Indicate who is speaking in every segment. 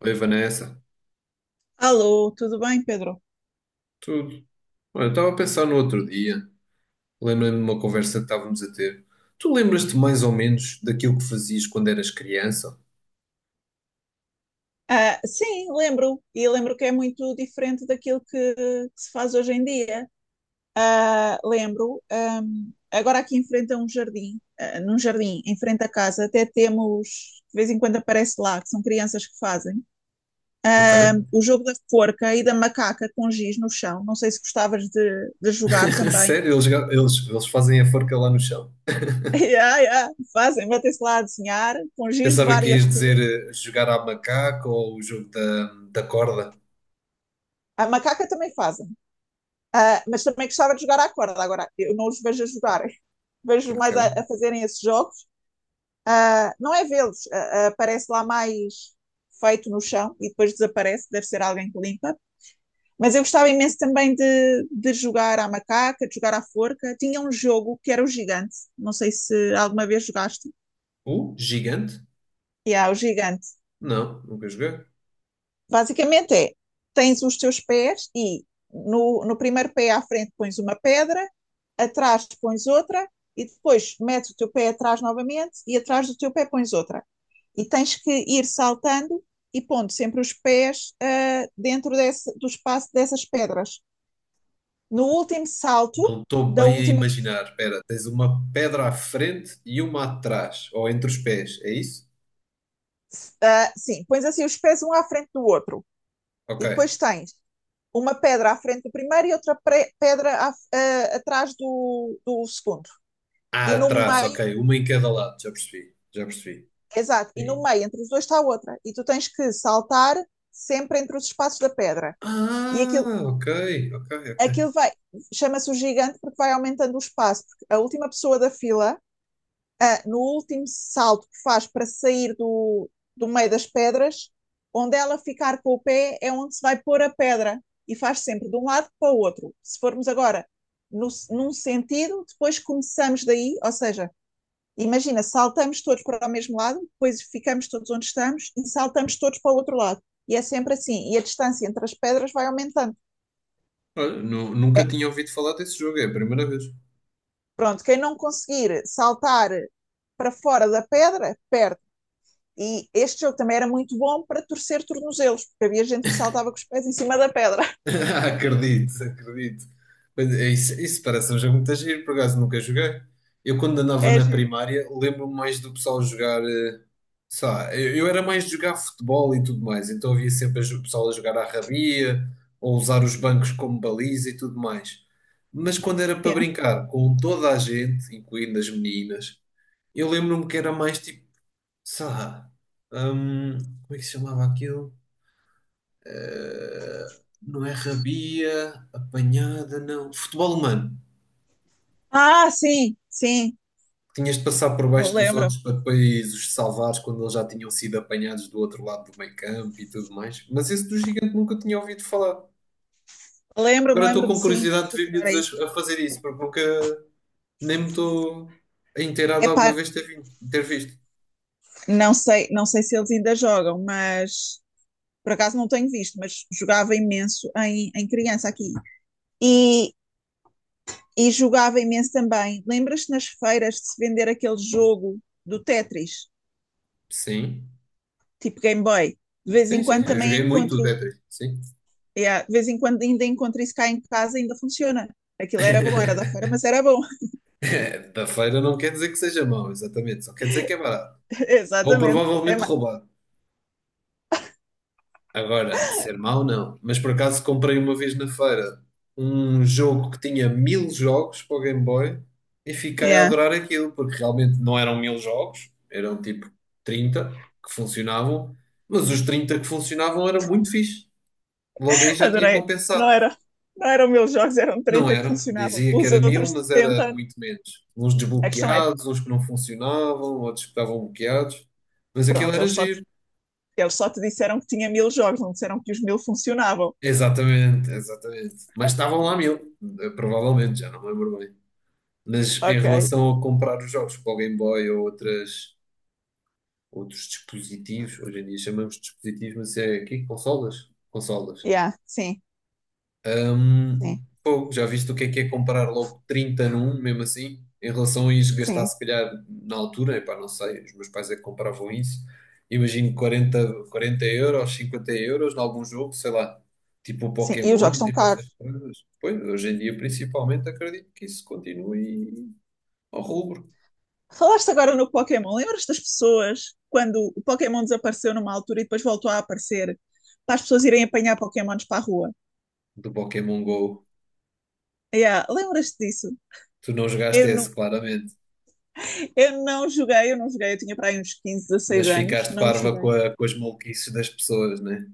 Speaker 1: Oi, Vanessa.
Speaker 2: Alô, tudo bem, Pedro?
Speaker 1: Tudo. Olha, eu estava a pensar no outro dia. Lembrei-me de uma conversa que estávamos a ter. Tu lembras-te mais ou menos daquilo que fazias quando eras criança?
Speaker 2: Ah, sim, lembro, e lembro que é muito diferente daquilo que se faz hoje em dia. Ah, lembro, agora aqui em frente a um jardim, ah, num jardim, em frente à casa, até temos, de vez em quando aparece lá, que são crianças que fazem,
Speaker 1: Ok?
Speaker 2: o jogo da forca e da macaca com giz no chão. Não sei se gostavas de jogar também.
Speaker 1: Sério, eles fazem a forca lá no chão.
Speaker 2: Yeah, yeah, fazem, metem-se lá a desenhar, com giz de
Speaker 1: Pensava que
Speaker 2: várias
Speaker 1: ias dizer
Speaker 2: cores.
Speaker 1: jogar à macaca ou o jogo da corda.
Speaker 2: A macaca também fazem. Ah, mas também gostava de jogar à corda. Agora, eu não os vejo a jogarem. Vejo mais a,
Speaker 1: Ok.
Speaker 2: a fazerem esses jogos. Ah, não é vê-los. Parece lá mais feito no chão e depois desaparece. Deve ser alguém que limpa. Mas eu gostava imenso também de jogar à macaca, de jogar à forca. Tinha um jogo que era o gigante. Não sei se alguma vez jogaste.
Speaker 1: O gigante?
Speaker 2: E há o gigante.
Speaker 1: Não, nunca joguei.
Speaker 2: Basicamente é, tens os teus pés e no primeiro pé à frente pões uma pedra, atrás pões outra e depois metes o teu pé atrás novamente e atrás do teu pé pões outra. E tens que ir saltando e pondo sempre os pés dentro desse, do espaço dessas pedras. No último salto
Speaker 1: Não estou
Speaker 2: da
Speaker 1: bem a
Speaker 2: última pessoa,
Speaker 1: imaginar. Espera, tens uma pedra à frente e uma atrás, ou entre os pés, é isso?
Speaker 2: sim, pões assim os pés um à frente do outro
Speaker 1: Ok.
Speaker 2: e depois tens uma pedra à frente do primeiro e outra pedra atrás do segundo.
Speaker 1: Ah,
Speaker 2: E no
Speaker 1: atrás,
Speaker 2: meio,
Speaker 1: ok. Uma em cada lado, já percebi, já percebi.
Speaker 2: exato, e no
Speaker 1: Sim.
Speaker 2: meio entre os dois está outra. E tu tens que saltar sempre entre os espaços da pedra. E
Speaker 1: Ah,
Speaker 2: aquilo,
Speaker 1: ok, ok, ok.
Speaker 2: aquilo vai, chama-se o gigante porque vai aumentando o espaço, porque a última pessoa da fila, no último salto que faz para sair do meio das pedras, onde ela ficar com o pé é onde se vai pôr a pedra e faz sempre de um lado para o outro. Se formos agora no, num sentido, depois começamos daí, ou seja, imagina, saltamos todos para o mesmo lado, depois ficamos todos onde estamos e saltamos todos para o outro lado. E é sempre assim. E a distância entre as pedras vai aumentando.
Speaker 1: Olha, nunca tinha ouvido falar desse jogo, é a primeira vez.
Speaker 2: Pronto, quem não conseguir saltar para fora da pedra, perde. E este jogo também era muito bom para torcer tornozelos, porque havia gente que saltava com os pés em cima da pedra.
Speaker 1: Acredito, acredito. Mas é isso, isso parece um jogo muito giro, por acaso nunca joguei. Eu quando andava
Speaker 2: É
Speaker 1: na
Speaker 2: giro.
Speaker 1: primária, lembro-me mais do pessoal jogar, sei lá, eu era mais de jogar futebol e tudo mais, então havia sempre o pessoal a jogar à rabia, ou usar os bancos como baliza e tudo mais. Mas quando era para
Speaker 2: Yeah.
Speaker 1: brincar com toda a gente, incluindo as meninas, eu lembro-me que era mais tipo, sei lá, como é que se chamava aquilo? Ah, não é rabia, apanhada, não. Futebol humano.
Speaker 2: Ah, sim, sim,
Speaker 1: Tinhas de passar por baixo dos
Speaker 2: lembro-me,
Speaker 1: outros para depois os salvares quando eles já tinham sido apanhados do outro lado do meio campo e tudo mais. Mas esse do gigante nunca tinha ouvido falar.
Speaker 2: lembro-me,
Speaker 1: Agora estou
Speaker 2: lembro-me,
Speaker 1: com
Speaker 2: sim,
Speaker 1: curiosidade de
Speaker 2: se
Speaker 1: ver
Speaker 2: jogar
Speaker 1: miúdos
Speaker 2: a isso.
Speaker 1: a fazer isso, porque nunca nem me estou a inteirar de
Speaker 2: Epá,
Speaker 1: alguma vez ter visto.
Speaker 2: não sei se eles ainda jogam, mas por acaso não tenho visto, mas jogava imenso em criança aqui. E, e jogava imenso também. Lembras-te nas feiras de se vender aquele jogo do Tetris,
Speaker 1: Sim.
Speaker 2: tipo Game Boy? De vez
Speaker 1: Sim,
Speaker 2: em
Speaker 1: sim,
Speaker 2: quando
Speaker 1: eu
Speaker 2: também
Speaker 1: joguei muito o
Speaker 2: encontro,
Speaker 1: Tetris, sim.
Speaker 2: yeah, de vez em quando ainda encontro isso cá em casa, ainda funciona. Aquilo era bom, era da feira, mas era bom.
Speaker 1: Da feira não quer dizer que seja mau, exatamente, só quer dizer que é barato. Ou
Speaker 2: Exatamente. É,
Speaker 1: provavelmente
Speaker 2: má...
Speaker 1: roubado. Agora, ser mau não. Mas por acaso comprei uma vez na feira um jogo que tinha mil jogos para o Game Boy e fiquei a
Speaker 2: Yeah.
Speaker 1: adorar aquilo, porque realmente não eram mil jogos, eram tipo 30 que funcionavam, mas os 30 que funcionavam eram muito fixe. Logo aí já tinha
Speaker 2: Adorei. Não
Speaker 1: compensado.
Speaker 2: era, não eram 1000 jogos, eram
Speaker 1: Não
Speaker 2: 30 que
Speaker 1: eram,
Speaker 2: funcionavam.
Speaker 1: dizia que
Speaker 2: Os
Speaker 1: era mil,
Speaker 2: outros
Speaker 1: mas era
Speaker 2: 70.
Speaker 1: muito menos. Uns
Speaker 2: A questão é,
Speaker 1: desbloqueados, uns que não funcionavam, outros que estavam bloqueados, mas aquilo
Speaker 2: pronto,
Speaker 1: era
Speaker 2: eles só
Speaker 1: giro.
Speaker 2: Eles só te disseram que tinha 1000 jogos, não disseram que os 1000 funcionavam.
Speaker 1: Exatamente, exatamente. Mas estavam lá mil, provavelmente, já não me lembro bem. Mas em
Speaker 2: Ok.
Speaker 1: relação a comprar os jogos para o Game Boy ou outros dispositivos, hoje em dia chamamos de dispositivos, mas é aqui, consolas? Consolas.
Speaker 2: Yeah, sim,
Speaker 1: Hum,
Speaker 2: sim,
Speaker 1: pô, já viste o que é comprar logo 30 num, mesmo assim? Em relação a isso, gastar
Speaker 2: sim,
Speaker 1: se calhar na altura, epá, não sei, os meus pais é que compravam isso. Imagino 40, 40 euros, 50 € em algum jogo, sei lá, tipo o
Speaker 2: sim. E os jogos
Speaker 1: Pokémon,
Speaker 2: estão
Speaker 1: tipo
Speaker 2: caros.
Speaker 1: essas coisas. Pois, hoje em dia, principalmente, acredito que isso continue ao rubro
Speaker 2: Falaste agora no Pokémon, lembras das pessoas quando o Pokémon desapareceu numa altura e depois voltou a aparecer para as pessoas irem apanhar Pokémons para a rua?
Speaker 1: do Pokémon Go.
Speaker 2: Yeah, lembras-te disso?
Speaker 1: Tu não jogaste
Speaker 2: Eu
Speaker 1: esse,
Speaker 2: não,
Speaker 1: claramente,
Speaker 2: eu não joguei, eu tinha para aí uns 15, 16
Speaker 1: mas
Speaker 2: anos,
Speaker 1: ficaste
Speaker 2: não
Speaker 1: parva com,
Speaker 2: joguei.
Speaker 1: com as maluquices das pessoas, né?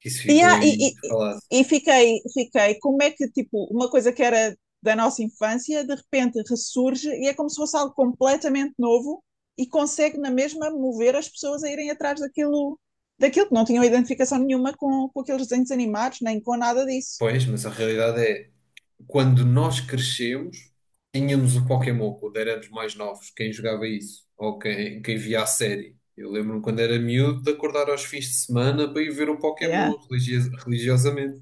Speaker 1: Que isso
Speaker 2: E,
Speaker 1: ficou
Speaker 2: há-
Speaker 1: aí
Speaker 2: e, e,
Speaker 1: muito
Speaker 2: e
Speaker 1: falado.
Speaker 2: e fiquei, como é que, tipo, uma coisa que era da nossa infância, de repente ressurge e é como se fosse algo completamente novo e consegue na mesma mover as pessoas a irem atrás daquilo que não tinham identificação nenhuma com aqueles desenhos animados, nem com nada disso.
Speaker 1: Pois, mas a realidade é, quando nós crescemos, tínhamos o Pokémon quando éramos mais novos, quem jogava isso, ou quem, quem via a série. Eu lembro-me quando era miúdo de acordar aos fins de semana para ir ver o
Speaker 2: Yeah.
Speaker 1: Pokémon religiosamente.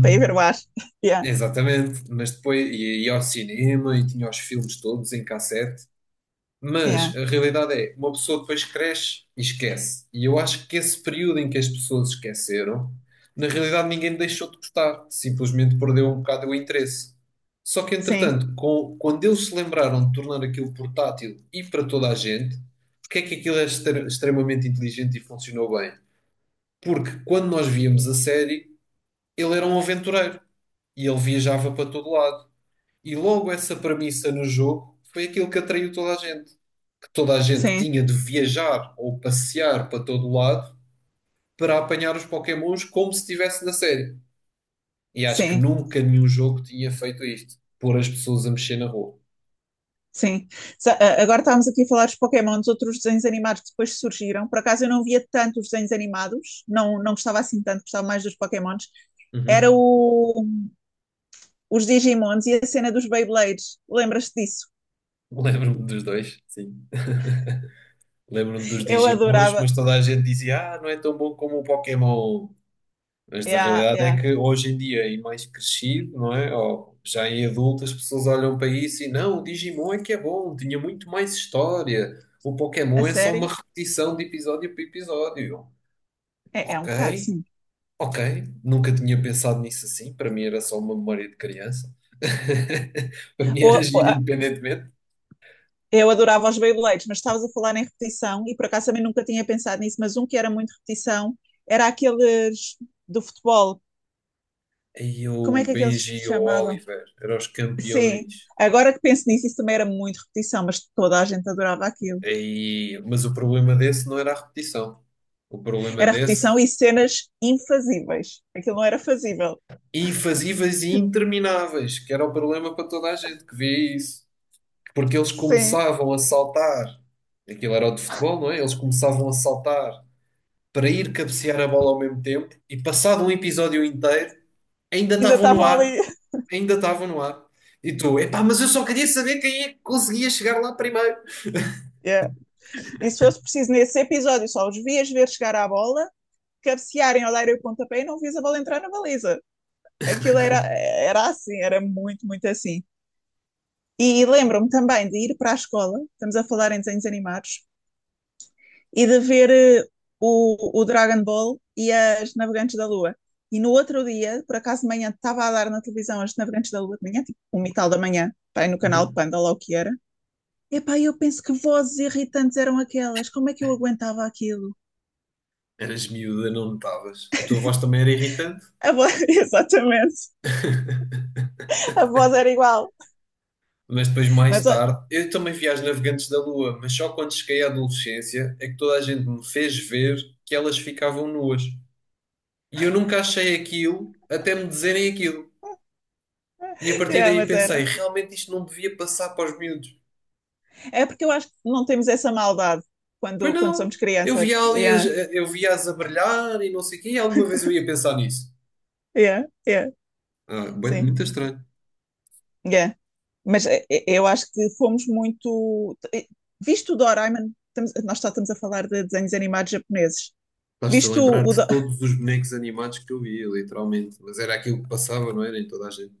Speaker 2: Para ir ver o ar. Yeah.
Speaker 1: exatamente, mas depois ia ao cinema e tinha os filmes todos em cassete.
Speaker 2: Yeah.
Speaker 1: Mas a realidade é, uma pessoa depois cresce e esquece. E eu acho que esse período em que as pessoas esqueceram, na realidade ninguém deixou de gostar, simplesmente perdeu um bocado o interesse. Só que,
Speaker 2: Sim,
Speaker 1: entretanto, quando eles se lembraram de tornar aquilo portátil e para toda a gente, porque é que aquilo é extremamente inteligente e funcionou bem? Porque quando nós víamos a série, ele era um aventureiro e ele viajava para todo lado. E logo essa premissa no jogo foi aquilo que atraiu toda a gente. Que toda a gente
Speaker 2: sim,
Speaker 1: tinha de viajar ou passear para todo lado para apanhar os Pokémons como se estivesse na série. E acho que
Speaker 2: sim.
Speaker 1: nunca nenhum jogo tinha feito isto. Pôr as pessoas a mexer na rua.
Speaker 2: Sim. Agora estávamos aqui a falar dos Pokémon, dos outros desenhos animados que depois surgiram. Por acaso eu não via tanto os desenhos animados, não, não gostava assim tanto, gostava mais dos Pokémons. Era
Speaker 1: Uhum.
Speaker 2: os Digimons e a cena dos Beyblades. Lembras-te disso?
Speaker 1: Lembro-me dos dois, sim. Lembro-me dos
Speaker 2: Eu
Speaker 1: Digimons,
Speaker 2: adorava.
Speaker 1: mas toda a gente dizia: ah, não é tão bom como o Pokémon. Mas
Speaker 2: É,
Speaker 1: a
Speaker 2: a- é,
Speaker 1: realidade
Speaker 2: a-
Speaker 1: é que hoje em dia, em mais crescido, não é? Ou já em adulto, as pessoas olham para isso e não, o Digimon é que é bom, tinha muito mais história. O
Speaker 2: a
Speaker 1: Pokémon é só uma
Speaker 2: série?
Speaker 1: repetição de episódio para episódio.
Speaker 2: É um bocado,
Speaker 1: Ok,
Speaker 2: sim.
Speaker 1: ok. Nunca tinha pensado nisso assim. Para mim era só uma memória de criança. Para mim era
Speaker 2: Ou- ou
Speaker 1: giro
Speaker 2: a-
Speaker 1: independentemente.
Speaker 2: eu adorava os Beyblades, mas estavas a falar em repetição e por acaso também nunca tinha pensado nisso, mas um que era muito repetição era aqueles do futebol.
Speaker 1: Aí
Speaker 2: Como é
Speaker 1: o
Speaker 2: que aqueles
Speaker 1: Benji
Speaker 2: se
Speaker 1: e o
Speaker 2: chamavam?
Speaker 1: Oliver eram os
Speaker 2: Sim,
Speaker 1: campeões.
Speaker 2: agora que penso nisso, isso também era muito repetição, mas toda a gente adorava aquilo.
Speaker 1: Aí. Mas o problema desse não era a repetição. O problema
Speaker 2: Era
Speaker 1: desse.
Speaker 2: repetição e cenas infazíveis. Aquilo não era fazível.
Speaker 1: Invasivas e intermináveis, que era o problema para toda a gente que vê isso. Porque eles
Speaker 2: Sim,
Speaker 1: começavam a saltar, aquilo era o de futebol, não é? Eles começavam a saltar para ir cabecear a bola ao mesmo tempo e passado um episódio inteiro ainda
Speaker 2: ainda
Speaker 1: estavam no
Speaker 2: estavam
Speaker 1: ar,
Speaker 2: ali.
Speaker 1: ainda estavam no ar. E tu, epá, mas eu só queria saber quem é que conseguia chegar lá primeiro.
Speaker 2: Yeah. E se fosse preciso nesse episódio, só os vias ver chegar à bola, cabecearem ao dar o pontapé e não vias a bola entrar na baliza. Aquilo era assim, era muito, muito assim. E lembro-me também de ir para a escola, estamos a falar em desenhos animados, e de ver o Dragon Ball e as Navegantes da Lua. E no outro dia, por acaso de manhã, estava a dar na televisão as Navegantes da Lua de manhã, tipo um e tal da manhã, pá, no canal
Speaker 1: Uhum.
Speaker 2: Panda, lá o que era. Epá, eu penso que vozes irritantes eram aquelas, como é que eu aguentava aquilo?
Speaker 1: Eras miúda, não notavas. A tua voz também era irritante.
Speaker 2: A voz, exatamente, a voz era igual,
Speaker 1: Mas depois, mais
Speaker 2: mas,
Speaker 1: tarde, eu também vi As Navegantes da Lua, mas só quando cheguei à adolescência é que toda a gente me fez ver que elas ficavam nuas. E eu nunca achei aquilo até me dizerem aquilo. E a partir
Speaker 2: é,
Speaker 1: daí
Speaker 2: mas era.
Speaker 1: pensei, realmente isto não devia passar para os miúdos.
Speaker 2: É porque eu acho que não temos essa maldade
Speaker 1: Pois
Speaker 2: quando
Speaker 1: não,
Speaker 2: somos
Speaker 1: eu via
Speaker 2: crianças.
Speaker 1: ali,
Speaker 2: Yeah,
Speaker 1: eu via-as a brilhar e não sei o quê, e alguma vez eu ia pensar nisso.
Speaker 2: yeah, yeah,
Speaker 1: Ah, bem,
Speaker 2: sim.
Speaker 1: muito estranho.
Speaker 2: Yeah. Mas eu acho que fomos muito. Visto o Doraemon, nós só estamos a falar de desenhos animados japoneses.
Speaker 1: Estás-te a
Speaker 2: Visto
Speaker 1: lembrar
Speaker 2: o.
Speaker 1: de todos os bonecos animados que eu via, literalmente. Mas era aquilo que passava, não era em toda a gente.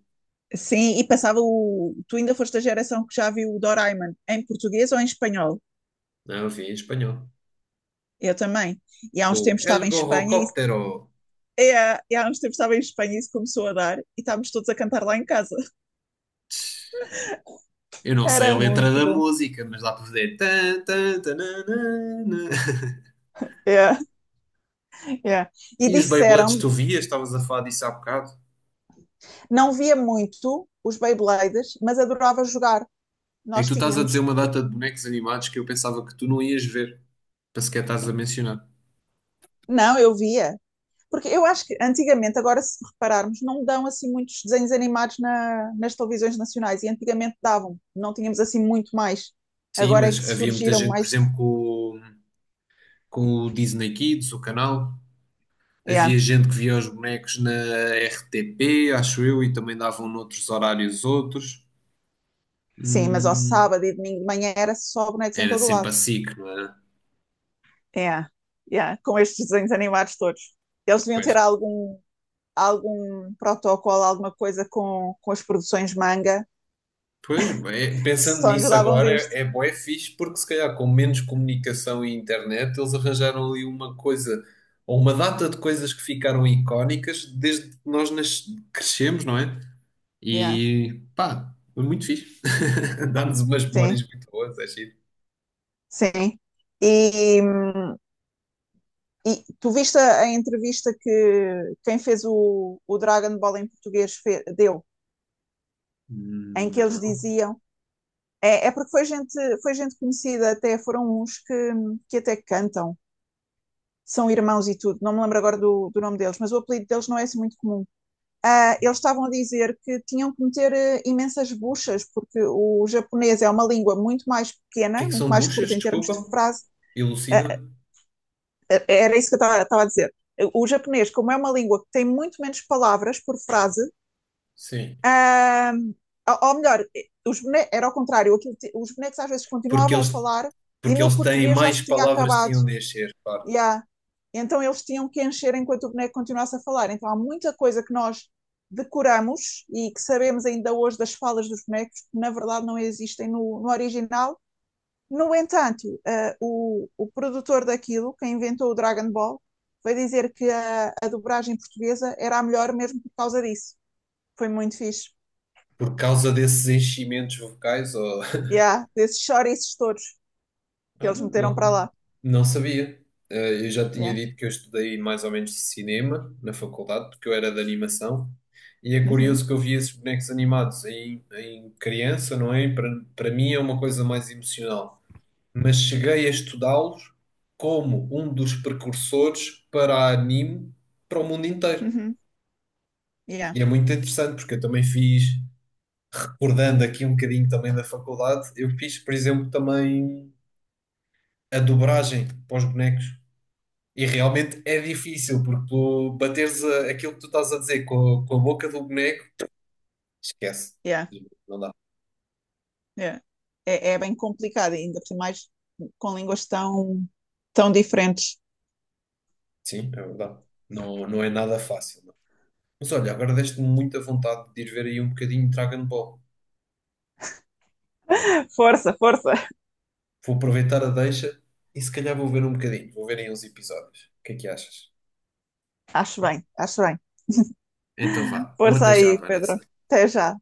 Speaker 2: Sim, e passava o. Tu ainda foste da geração que já viu o Doraemon em português ou em espanhol?
Speaker 1: Não, eu via em espanhol.
Speaker 2: Eu também. E há
Speaker 1: Com
Speaker 2: uns
Speaker 1: o
Speaker 2: tempos
Speaker 1: El
Speaker 2: estava em Espanha e.
Speaker 1: Gorrocóptero.
Speaker 2: É, e há uns tempos estava em Espanha e isso começou a dar, e estávamos todos a cantar lá em casa.
Speaker 1: Eu não sei a
Speaker 2: Era
Speaker 1: letra
Speaker 2: muito
Speaker 1: da
Speaker 2: bom.
Speaker 1: música, mas dá para fazer. Tan, tan, tananana.
Speaker 2: É, é. E
Speaker 1: E os Beyblades
Speaker 2: disseram-me,
Speaker 1: tu vias? Estavas a falar disso há bocado?
Speaker 2: não via muito os Beybladers, mas adorava jogar.
Speaker 1: É que
Speaker 2: Nós
Speaker 1: tu estás a dizer
Speaker 2: tínhamos.
Speaker 1: uma data de bonecos animados que eu pensava que tu não ias ver, para sequer estás a mencionar.
Speaker 2: Não, eu via. Porque eu acho que antigamente, agora se repararmos, não dão assim muitos desenhos animados nas televisões nacionais. E antigamente davam, não tínhamos assim muito mais.
Speaker 1: Sim,
Speaker 2: Agora é que
Speaker 1: mas havia muita
Speaker 2: surgiram
Speaker 1: gente, por
Speaker 2: mais.
Speaker 1: exemplo, com, com o Disney Kids, o canal.
Speaker 2: Yeah.
Speaker 1: Havia gente que via os bonecos na RTP, acho eu, e também davam noutros horários outros.
Speaker 2: Sim, mas ao
Speaker 1: Hum,
Speaker 2: sábado e domingo de manhã era só bonecos em
Speaker 1: era
Speaker 2: todo o
Speaker 1: sempre
Speaker 2: lado.
Speaker 1: a SIC, não era?
Speaker 2: Yeah. Yeah. Com estes desenhos animados todos. Eles deviam
Speaker 1: Pois.
Speaker 2: ter algum protocolo, alguma coisa com as produções manga
Speaker 1: Pois, bem,
Speaker 2: que
Speaker 1: pensando
Speaker 2: só nos
Speaker 1: nisso
Speaker 2: davam
Speaker 1: agora,
Speaker 2: disto.
Speaker 1: é bué fixe, porque se calhar com menos comunicação e internet, eles arranjaram ali uma coisa, ou uma data de coisas que ficaram icónicas desde que nós crescemos, não é?
Speaker 2: Yeah.
Speaker 1: E pá, foi muito fixe. Dá-nos umas memórias
Speaker 2: Sim,
Speaker 1: muito boas, é giro.
Speaker 2: sim. E E tu viste a entrevista que quem fez o Dragon Ball em português deu, em que
Speaker 1: Não.
Speaker 2: eles
Speaker 1: O
Speaker 2: diziam. É porque foi gente conhecida, até foram uns que até cantam, são irmãos e tudo. Não me lembro agora do nome deles, mas o apelido deles não é assim muito comum. Ah, eles estavam a dizer que tinham que meter imensas buchas, porque o japonês é uma língua muito mais
Speaker 1: que é
Speaker 2: pequena,
Speaker 1: que
Speaker 2: muito
Speaker 1: são
Speaker 2: mais
Speaker 1: buchas?
Speaker 2: curta em termos de
Speaker 1: Desculpa,
Speaker 2: frase. Ah,
Speaker 1: elucida.
Speaker 2: era isso que eu estava a dizer. O japonês, como é uma língua que tem muito menos palavras por frase,
Speaker 1: Sim.
Speaker 2: ah, ou melhor, era ao contrário, os bonecos às vezes
Speaker 1: Porque
Speaker 2: continuavam a
Speaker 1: eles,
Speaker 2: falar e
Speaker 1: porque
Speaker 2: no
Speaker 1: eles têm
Speaker 2: português já
Speaker 1: mais
Speaker 2: se tinha
Speaker 1: palavras que
Speaker 2: acabado.
Speaker 1: tinham de encher, claro.
Speaker 2: Yeah. Então eles tinham que encher enquanto o boneco continuasse a falar. Então há muita coisa que nós decoramos e que sabemos ainda hoje das falas dos bonecos que na verdade não existem no original. No entanto, o produtor daquilo, quem inventou o Dragon Ball, foi dizer que a dobragem portuguesa era a melhor mesmo por causa disso. Foi muito fixe.
Speaker 1: Por causa desses enchimentos vocais, ou.
Speaker 2: Yeah, desses chouriços todos que
Speaker 1: Olha,
Speaker 2: eles meteram para
Speaker 1: não,
Speaker 2: lá.
Speaker 1: não sabia. Eu já tinha
Speaker 2: Yeah.
Speaker 1: dito que eu estudei mais ou menos cinema na faculdade, porque eu era de animação. E é
Speaker 2: Uhum,
Speaker 1: curioso que eu vi esses bonecos animados em criança, não é? Para mim é uma coisa mais emocional. Mas cheguei a estudá-los como um dos precursores para a anime para o mundo inteiro.
Speaker 2: uhum. Yeah,
Speaker 1: E é muito interessante, porque eu também fiz, recordando aqui um bocadinho também da faculdade, eu fiz, por exemplo, também a dobragem para os bonecos. E realmente é difícil, porque tu bateres aquilo que tu estás a dizer com, com a boca do boneco, esquece.
Speaker 2: yeah,
Speaker 1: Não dá.
Speaker 2: yeah. É bem complicado, ainda por mais com línguas tão, tão diferentes.
Speaker 1: Sim, é verdade. Não, não é nada fácil, não. Mas olha, agora deste-me muita vontade de ir ver aí um bocadinho de Dragon Ball.
Speaker 2: Força, força.
Speaker 1: Vou aproveitar a deixa e se calhar vou ver um bocadinho. Vou ver aí uns episódios. O que é que achas?
Speaker 2: Acho bem, acho bem.
Speaker 1: Então vá. Um
Speaker 2: Força
Speaker 1: até já,
Speaker 2: aí,
Speaker 1: Vanessa.
Speaker 2: Pedro. Até já.